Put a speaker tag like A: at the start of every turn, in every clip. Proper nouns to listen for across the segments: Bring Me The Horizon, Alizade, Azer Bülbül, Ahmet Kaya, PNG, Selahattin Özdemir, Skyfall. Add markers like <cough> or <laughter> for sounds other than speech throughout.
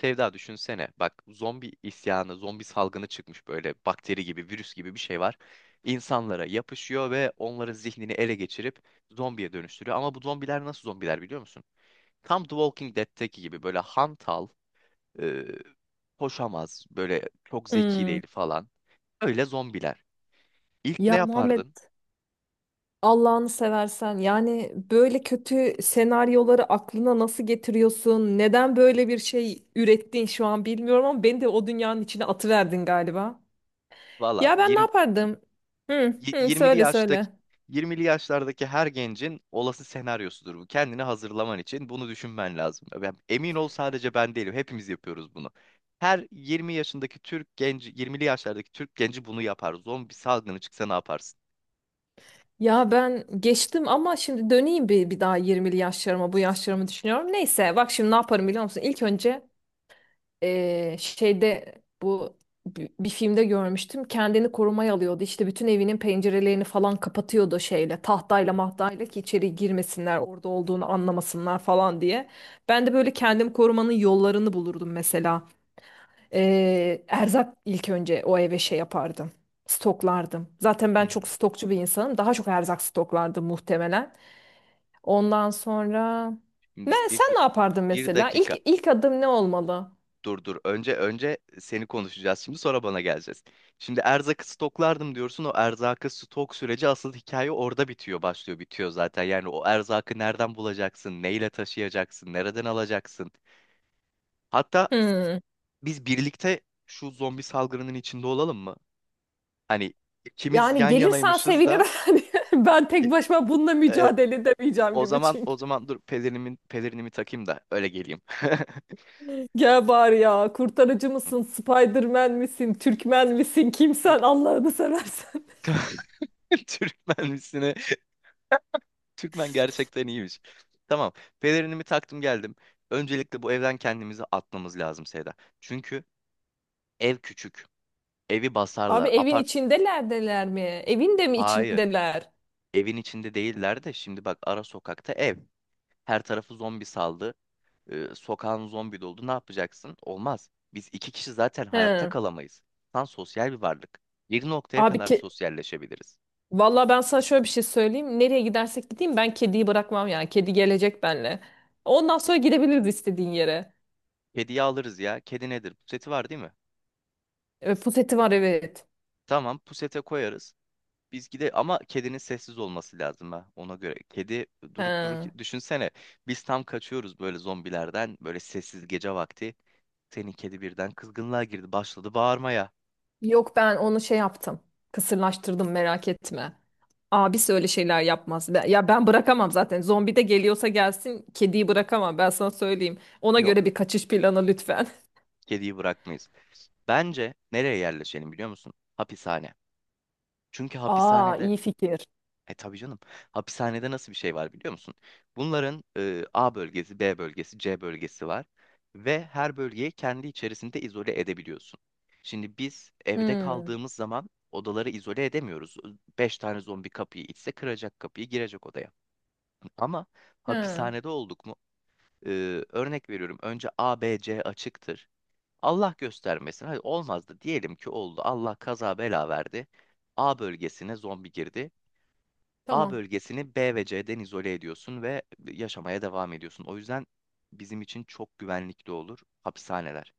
A: Sevda düşünsene. Bak zombi isyanı, zombi salgını çıkmış böyle bakteri gibi, virüs gibi bir şey var. İnsanlara yapışıyor ve onların zihnini ele geçirip zombiye dönüştürüyor. Ama bu zombiler nasıl zombiler biliyor musun? Tam The Walking Dead'teki gibi böyle hantal, e, koşamaz, böyle çok zeki
B: Hmm.
A: değil falan. Öyle zombiler. İlk ne
B: Ya Muhammed
A: yapardın?
B: Allah'ını seversen yani böyle kötü senaryoları aklına nasıl getiriyorsun? Neden böyle bir şey ürettin şu an bilmiyorum ama beni de o dünyanın içine atıverdin galiba.
A: Valla
B: Ya ben ne yapardım? Hı, hı,
A: 20'li
B: söyle söyle.
A: yaştaki 20'li yaşlardaki her gencin olası senaryosudur bu. Kendini hazırlaman için bunu düşünmen lazım. Ben, emin ol sadece ben değilim. Hepimiz yapıyoruz bunu. Her 20 yaşındaki Türk genci, 20'li yaşlardaki Türk genci bunu yapar. Zombi salgını çıksa ne yaparsın?
B: Ya ben geçtim ama şimdi döneyim bir daha 20'li yaşlarıma bu yaşlarımı düşünüyorum. Neyse bak şimdi ne yaparım biliyor musun? İlk önce şeyde bu bir filmde görmüştüm. Kendini korumaya alıyordu. İşte bütün evinin pencerelerini falan kapatıyordu şeyle, tahtayla mahtayla ki içeri girmesinler, orada olduğunu anlamasınlar falan diye. Ben de böyle kendimi korumanın yollarını bulurdum mesela. Erzak ilk önce o eve şey yapardım. Stoklardım. Zaten
A: Hı
B: ben çok
A: hı.
B: stokçu bir insanım. Daha çok erzak stoklardım muhtemelen. Ondan sonra ne
A: Şimdi
B: sen ne yapardın
A: bir
B: mesela?
A: dakika.
B: İlk adım ne olmalı?
A: Dur dur. Önce seni konuşacağız şimdi sonra bana geleceğiz. Şimdi erzakı stoklardım diyorsun. O erzakı stok süreci asıl hikaye orada bitiyor, başlıyor, bitiyor zaten. Yani o erzakı nereden bulacaksın, neyle taşıyacaksın, nereden alacaksın? Hatta
B: Hmm.
A: biz birlikte şu zombi salgınının içinde olalım mı? Hani ikimiz
B: Yani
A: yan
B: gelirsen
A: yanaymışız da
B: sevinirim. <laughs> Hani ben tek
A: i-
B: başıma bununla
A: e,
B: mücadele edemeyeceğim
A: o
B: gibi
A: zaman
B: çünkü.
A: o zaman dur pelerinimi takayım da öyle geleyim.
B: Gel bari ya. Kurtarıcı mısın? Spiderman misin? Türkmen misin? Kimsen Allah'ını seversen.
A: <laughs> Türkmen Türkmen gerçekten iyiymiş. Tamam. Pelerinimi taktım geldim. Öncelikle bu evden kendimizi atmamız lazım Seda. Çünkü ev küçük. Evi
B: <laughs> Abi
A: basarlar.
B: evin
A: Apart...
B: içindelerdeler mi? Evin de mi
A: Hayır.
B: içindeler?
A: Evin içinde değiller de şimdi bak ara sokakta ev. Her tarafı zombi saldı. Sokağın zombi doldu. Ne yapacaksın? Olmaz. Biz iki kişi zaten hayatta
B: He.
A: kalamayız. İnsan sosyal bir varlık. Bir noktaya
B: Abi
A: kadar
B: ki
A: sosyalleşebiliriz.
B: Vallahi ben sana şöyle bir şey söyleyeyim. Nereye gidersek gideyim ben kediyi bırakmam yani. Kedi gelecek benimle. Ondan sonra gidebiliriz istediğin yere.
A: Kediyi alırız ya. Kedi nedir? Puseti var değil mi?
B: Puseti var evet.
A: Tamam, pusete koyarız. Biz gide ama kedinin sessiz olması lazım ha ona göre. Kedi durup durup
B: He.
A: düşünsene biz tam kaçıyoruz böyle zombilerden böyle sessiz gece vakti. Senin kedi birden kızgınlığa girdi başladı bağırmaya.
B: Yok ben onu şey yaptım. Kısırlaştırdım merak etme. Abisi öyle şeyler yapmaz. Ya ben bırakamam zaten. Zombi de geliyorsa gelsin kediyi bırakamam ben sana söyleyeyim. Ona
A: Yok
B: göre bir kaçış planı lütfen. <laughs>
A: kediyi bırakmayız. Bence nereye yerleşelim biliyor musun? Hapishane. Çünkü
B: Aa
A: hapishanede.
B: iyi fikir.
A: E tabii canım. Hapishanede nasıl bir şey var biliyor musun? Bunların A bölgesi, B bölgesi, C bölgesi var ve her bölgeyi kendi içerisinde izole edebiliyorsun. Şimdi biz evde
B: Hmm.
A: kaldığımız zaman odaları izole edemiyoruz. Beş tane zombi kapıyı itse kıracak kapıyı girecek odaya. Ama
B: Hı,
A: hapishanede olduk mu? Örnek veriyorum. Önce A, B, C açıktır. Allah göstermesin. Hadi olmazdı. Diyelim ki oldu. Allah kaza bela verdi. A bölgesine zombi girdi. A
B: tamam.
A: bölgesini B ve C'den izole ediyorsun ve yaşamaya devam ediyorsun. O yüzden bizim için çok güvenlikli olur hapishaneler.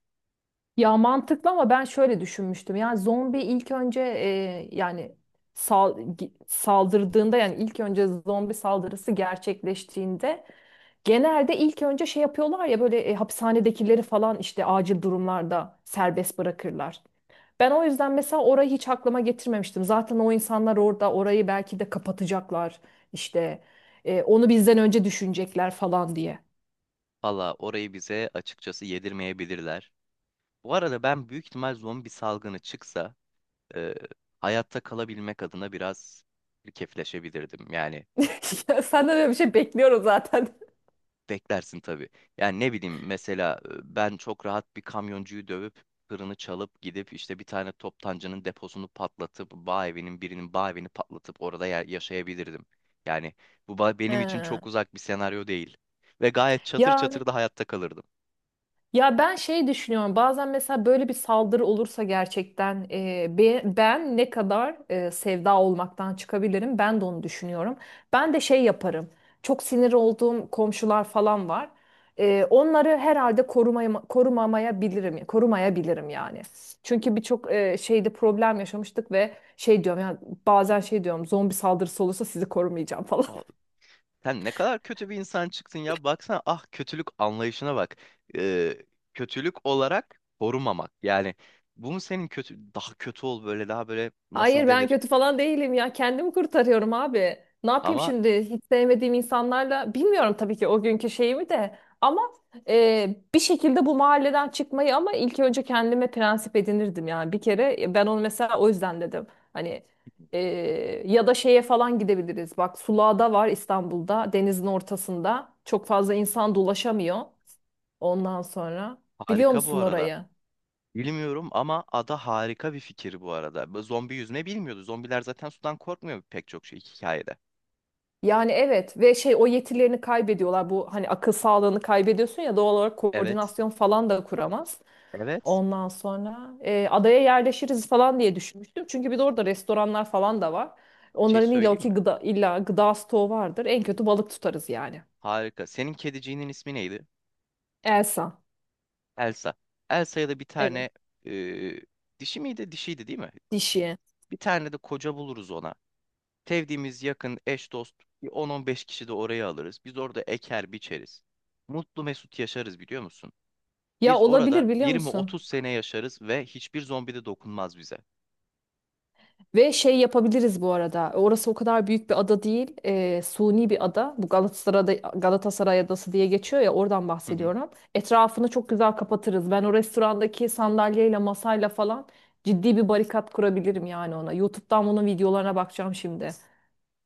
B: Ya mantıklı ama ben şöyle düşünmüştüm. Yani zombi ilk önce yani saldırdığında yani ilk önce zombi saldırısı gerçekleştiğinde genelde ilk önce şey yapıyorlar ya böyle hapishanedekileri falan işte acil durumlarda serbest bırakırlar. Ben o yüzden mesela orayı hiç aklıma getirmemiştim. Zaten o insanlar orada orayı belki de kapatacaklar işte onu bizden önce düşünecekler falan diye.
A: Valla orayı bize açıkçası yedirmeyebilirler. Bu arada ben büyük ihtimal zombi salgını çıksa e, hayatta kalabilmek adına biraz kefleşebilirdim. Yani
B: <laughs> Ya senden öyle bir şey bekliyorum zaten.
A: beklersin tabii. Yani ne bileyim mesela ben çok rahat bir kamyoncuyu dövüp tırını çalıp gidip işte bir tane toptancının deposunu patlatıp bağ evinin birinin bağ evini patlatıp orada yaşayabilirdim. Yani bu benim için
B: He.
A: çok uzak bir senaryo değil. Ve gayet çatır
B: Ya
A: çatır da hayatta kalırdım.
B: Ya ben şey düşünüyorum bazen mesela böyle bir saldırı olursa gerçekten ben ne kadar sevda olmaktan çıkabilirim ben de onu düşünüyorum. Ben de şey yaparım çok sinir olduğum komşular falan var. Onları herhalde korumaya, korumamayabilirim, korumayabilirim yani. Çünkü birçok şeyde problem yaşamıştık ve şey diyorum ya bazen şey diyorum zombi saldırısı olursa sizi korumayacağım falan.
A: Aa, sen ne kadar kötü bir insan çıktın ya. Baksana ah kötülük anlayışına bak. Ee, Kötülük olarak korumamak. Yani bu mu senin kötü daha kötü ol böyle daha böyle nasıl
B: Hayır ben
A: denir?
B: kötü falan değilim ya. Kendimi kurtarıyorum abi. Ne yapayım
A: Ama
B: şimdi hiç sevmediğim insanlarla? Bilmiyorum tabii ki o günkü şeyimi de. Ama bir şekilde bu mahalleden çıkmayı ama ilk önce kendime prensip edinirdim yani. Bir kere ben onu mesela o yüzden dedim. Hani e, ya da şeye falan gidebiliriz. Bak Sulağ'da var İstanbul'da denizin ortasında. Çok fazla insan dolaşamıyor. Ondan sonra biliyor
A: harika bu
B: musun
A: arada.
B: orayı?
A: Bilmiyorum ama ada harika bir fikir bu arada. Bu zombi yüzme bilmiyordu. Zombiler zaten sudan korkmuyor pek çok şey hikayede.
B: Yani evet ve şey o yetilerini kaybediyorlar. Bu hani akıl sağlığını kaybediyorsun ya doğal olarak
A: Evet.
B: koordinasyon falan da kuramaz.
A: Evet.
B: Ondan sonra adaya yerleşiriz falan diye düşünmüştüm. Çünkü bir de orada restoranlar falan da var.
A: Bir şey
B: Onların illa
A: söyleyeyim mi?
B: ki gıda, illa gıda stoğu vardır. En kötü balık tutarız yani.
A: Harika. Senin kediciğinin ismi neydi?
B: Elsa.
A: Elsa. Elsa'ya da bir
B: Evet.
A: tane e, dişi miydi? Dişiydi değil mi?
B: Dişi.
A: Bir tane de koca buluruz ona. Sevdiğimiz yakın eş dost bir 10-15 kişi de oraya alırız. Biz orada eker biçeriz. Mutlu mesut yaşarız biliyor musun?
B: Ya
A: Biz orada
B: olabilir biliyor musun?
A: 20-30 sene yaşarız ve hiçbir zombi de dokunmaz bize.
B: Ve şey yapabiliriz bu arada. Orası o kadar büyük bir ada değil. Suni bir ada. Bu Galatasaray'da, Galatasaray Adası diye geçiyor ya oradan
A: Hı hı.
B: bahsediyorum. Etrafını çok güzel kapatırız. Ben o restorandaki sandalyeyle masayla falan ciddi bir barikat kurabilirim yani ona. YouTube'dan bunun videolarına bakacağım şimdi.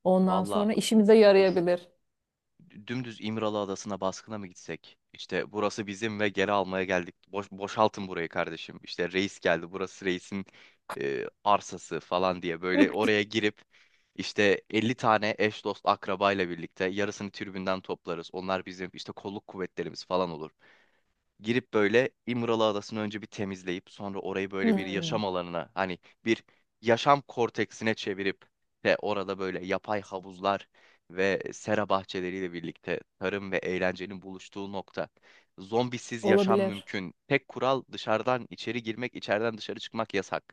B: Ondan
A: Valla
B: sonra işimize
A: dur.
B: yarayabilir.
A: Dümdüz İmralı Adası'na baskına mı gitsek? İşte burası bizim ve geri almaya geldik. Boşaltın burayı kardeşim. İşte reis geldi. Burası reisin arsası falan diye böyle
B: <laughs>
A: oraya girip işte 50 tane eş dost akrabayla birlikte yarısını tribünden toplarız. Onlar bizim işte kolluk kuvvetlerimiz falan olur. Girip böyle İmralı Adası'nı önce bir temizleyip sonra orayı böyle bir
B: Hmm,
A: yaşam alanına hani bir yaşam korteksine çevirip ve orada böyle yapay havuzlar ve sera bahçeleriyle birlikte tarım ve eğlencenin buluştuğu nokta. Zombisiz yaşam
B: olabilir.
A: mümkün. Tek kural dışarıdan içeri girmek, içeriden dışarı çıkmak yasak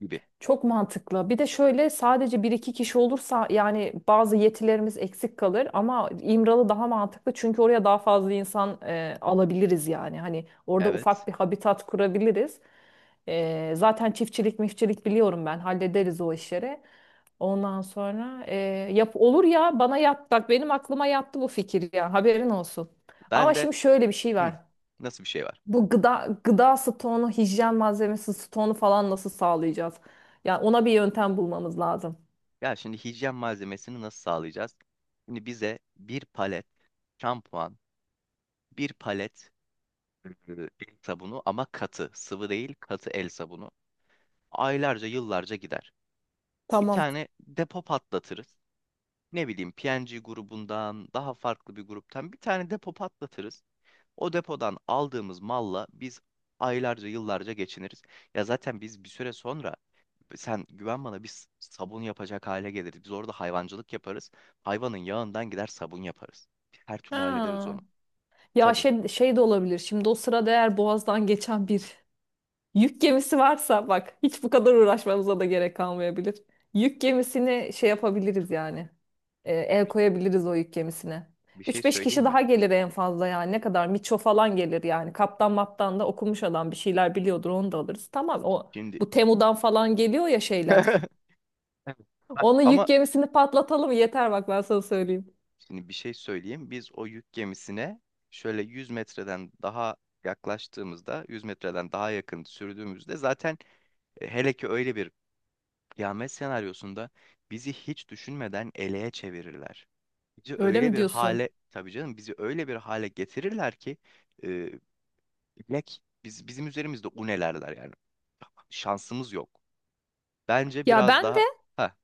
A: gibi.
B: Çok mantıklı. Bir de şöyle sadece bir iki kişi olursa yani bazı yetilerimiz eksik kalır ama İmralı daha mantıklı çünkü oraya daha fazla insan alabiliriz yani. Hani orada
A: Evet.
B: ufak bir habitat kurabiliriz. Zaten çiftçilik mifçilik biliyorum ben hallederiz o işleri. Ondan sonra yap olur ya bana yat bak benim aklıma yattı bu fikir ya haberin olsun. Ama
A: Ben de
B: şimdi şöyle bir şey var.
A: hı, nasıl bir şey var?
B: Bu gıda stoğunu, hijyen malzemesi stoğunu falan nasıl sağlayacağız? Yani ona bir yöntem bulmamız lazım.
A: Ya şimdi hijyen malzemesini nasıl sağlayacağız? Şimdi bize bir palet şampuan, bir palet el sabunu ama katı. Sıvı değil katı el sabunu. Aylarca yıllarca gider. Bir
B: Tamam.
A: tane depo patlatırız. Ne bileyim PNG grubundan daha farklı bir gruptan bir tane depo patlatırız. O depodan aldığımız malla biz aylarca yıllarca geçiniriz. Ya zaten biz bir süre sonra sen güven bana biz sabun yapacak hale geliriz. Biz orada hayvancılık yaparız. Hayvanın yağından gider sabun yaparız. Her türlü hallederiz onu.
B: Ha. Ya
A: Tabii
B: şey de olabilir. Şimdi o sırada eğer Boğaz'dan geçen bir yük gemisi varsa bak hiç bu kadar uğraşmamıza da gerek kalmayabilir. Yük gemisini şey yapabiliriz yani. El
A: bir,
B: koyabiliriz o yük gemisine.
A: bir şey
B: Üç beş
A: söyleyeyim
B: kişi
A: mi?
B: daha gelir en fazla yani. Ne kadar? Miço falan gelir yani. Kaptan maptan da okumuş adam bir şeyler biliyordur onu da alırız. Tamam o
A: Şimdi.
B: bu Temu'dan falan geliyor ya şeyler.
A: <laughs> Bak
B: Onu
A: ama
B: yük gemisini patlatalım yeter bak ben sana söyleyeyim.
A: şimdi bir şey söyleyeyim. Biz o yük gemisine şöyle 100 metreden daha yaklaştığımızda, 100 metreden daha yakın sürdüğümüzde zaten hele ki öyle bir kıyamet senaryosunda bizi hiç düşünmeden eleğe çevirirler. Bizi
B: Öyle
A: öyle
B: mi
A: bir
B: diyorsun?
A: hale, tabii canım bizi öyle bir hale getirirler ki e, bilek bizim üzerimizde unelerler yani. Şansımız yok. Bence
B: Ya
A: biraz
B: ben
A: daha ha,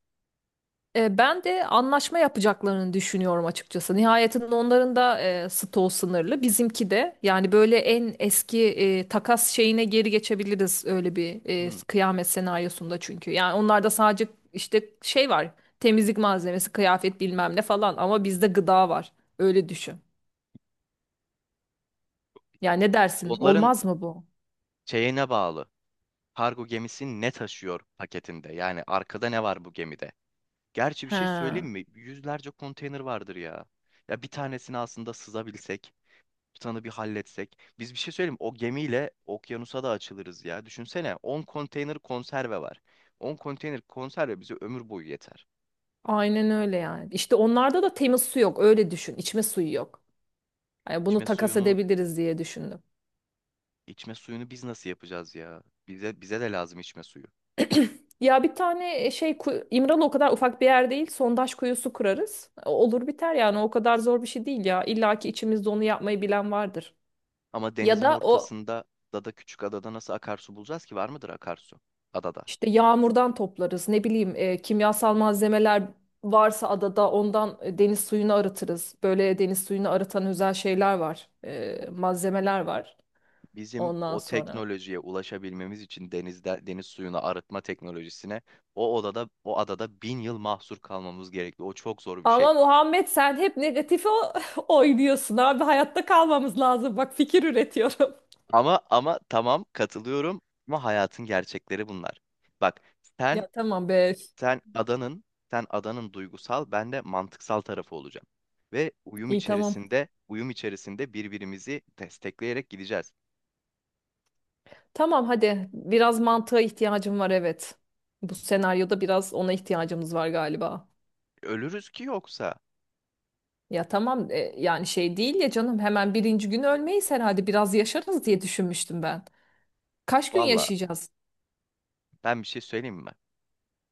B: E, ben de anlaşma yapacaklarını düşünüyorum açıkçası. Nihayetinde onların da stoğu sınırlı. Bizimki de yani böyle en eski takas şeyine geri geçebiliriz öyle bir
A: hmm,
B: kıyamet senaryosunda çünkü. Yani onlarda sadece işte şey var temizlik malzemesi, kıyafet bilmem ne falan ama bizde gıda var. Öyle düşün. Yani ne dersin?
A: onların
B: Olmaz mı bu?
A: şeyine bağlı. Kargo gemisi ne taşıyor paketinde? Yani arkada ne var bu gemide? Gerçi bir şey söyleyeyim
B: He,
A: mi? Yüzlerce konteyner vardır ya. Ya bir tanesini aslında sızabilsek, tutanı bir halletsek. Biz bir şey söyleyeyim mi? O gemiyle okyanusa da açılırız ya. Düşünsene 10 konteyner konserve var. 10 konteyner konserve bize ömür boyu yeter.
B: aynen öyle yani. İşte onlarda da temiz su yok öyle düşün. İçme suyu yok. Yani bunu
A: İçme
B: takas
A: suyunu,
B: edebiliriz diye düşündüm.
A: içme suyunu biz nasıl yapacağız ya? Bize de lazım içme suyu.
B: Ya bir tane İmralı o kadar ufak bir yer değil. Sondaj kuyusu kurarız. Olur biter yani o kadar zor bir şey değil ya. İlla ki içimizde onu yapmayı bilen vardır.
A: Ama
B: Ya
A: denizin
B: da o
A: ortasında da küçük adada nasıl akarsu bulacağız ki? Var mıdır akarsu adada?
B: işte yağmurdan toplarız. Ne bileyim kimyasal malzemeler varsa adada ondan deniz suyunu arıtırız. Böyle deniz suyunu arıtan özel şeyler var. Malzemeler var
A: Bizim
B: ondan
A: o
B: sonra.
A: teknolojiye ulaşabilmemiz için denizde deniz suyunu arıtma teknolojisine o adada bin yıl mahsur kalmamız gerekli. O çok zor bir şey.
B: Ama Muhammed sen hep negatife <laughs> oynuyorsun abi. Hayatta kalmamız lazım. Bak fikir üretiyorum.
A: Ama tamam katılıyorum ama hayatın gerçekleri bunlar. Bak
B: <laughs>
A: sen
B: Ya tamam be.
A: sen adanın duygusal ben de mantıksal tarafı olacağım. Ve
B: İyi tamam.
A: uyum içerisinde birbirimizi destekleyerek gideceğiz.
B: Tamam hadi. Biraz mantığa ihtiyacım var evet. Bu senaryoda biraz ona ihtiyacımız var galiba.
A: Ölürüz ki yoksa.
B: Ya tamam yani şey değil ya canım hemen birinci gün ölmeyiz herhalde biraz yaşarız diye düşünmüştüm ben. Kaç gün
A: Valla
B: yaşayacağız?
A: ben bir şey söyleyeyim mi?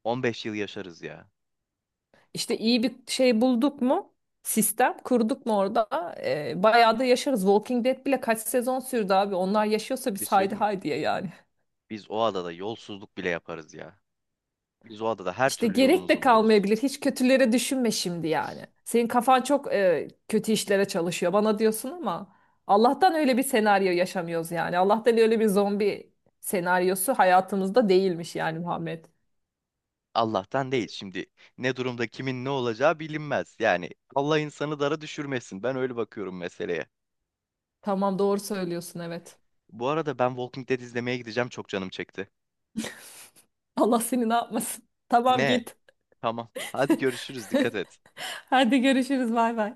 A: 15 yıl yaşarız ya.
B: İşte iyi bir şey bulduk mu? Sistem kurduk mu orada? Bayağı da yaşarız. Walking Dead bile kaç sezon sürdü abi. Onlar yaşıyorsa
A: Bir
B: biz
A: şey
B: haydi
A: söyleyeyim mi?
B: haydiye yani.
A: Biz o adada yolsuzluk bile yaparız ya. Biz o adada her
B: İşte
A: türlü
B: gerek de
A: yolumuzu buluruz.
B: kalmayabilir. Hiç kötülere düşünme şimdi yani. Senin kafan çok kötü işlere çalışıyor bana diyorsun ama Allah'tan öyle bir senaryo yaşamıyoruz yani. Allah'tan öyle bir zombi senaryosu hayatımızda değilmiş yani Muhammed.
A: Allah'tan değil. Şimdi ne durumda kimin ne olacağı bilinmez. Yani Allah insanı dara düşürmesin. Ben öyle bakıyorum meseleye.
B: Tamam doğru söylüyorsun evet.
A: Bu arada ben Walking Dead izlemeye gideceğim. Çok canım çekti.
B: <laughs> Allah seni ne yapmasın. Tamam
A: Ne?
B: git.
A: Tamam. Hadi görüşürüz. Dikkat
B: <laughs>
A: et.
B: Hadi görüşürüz bay bay.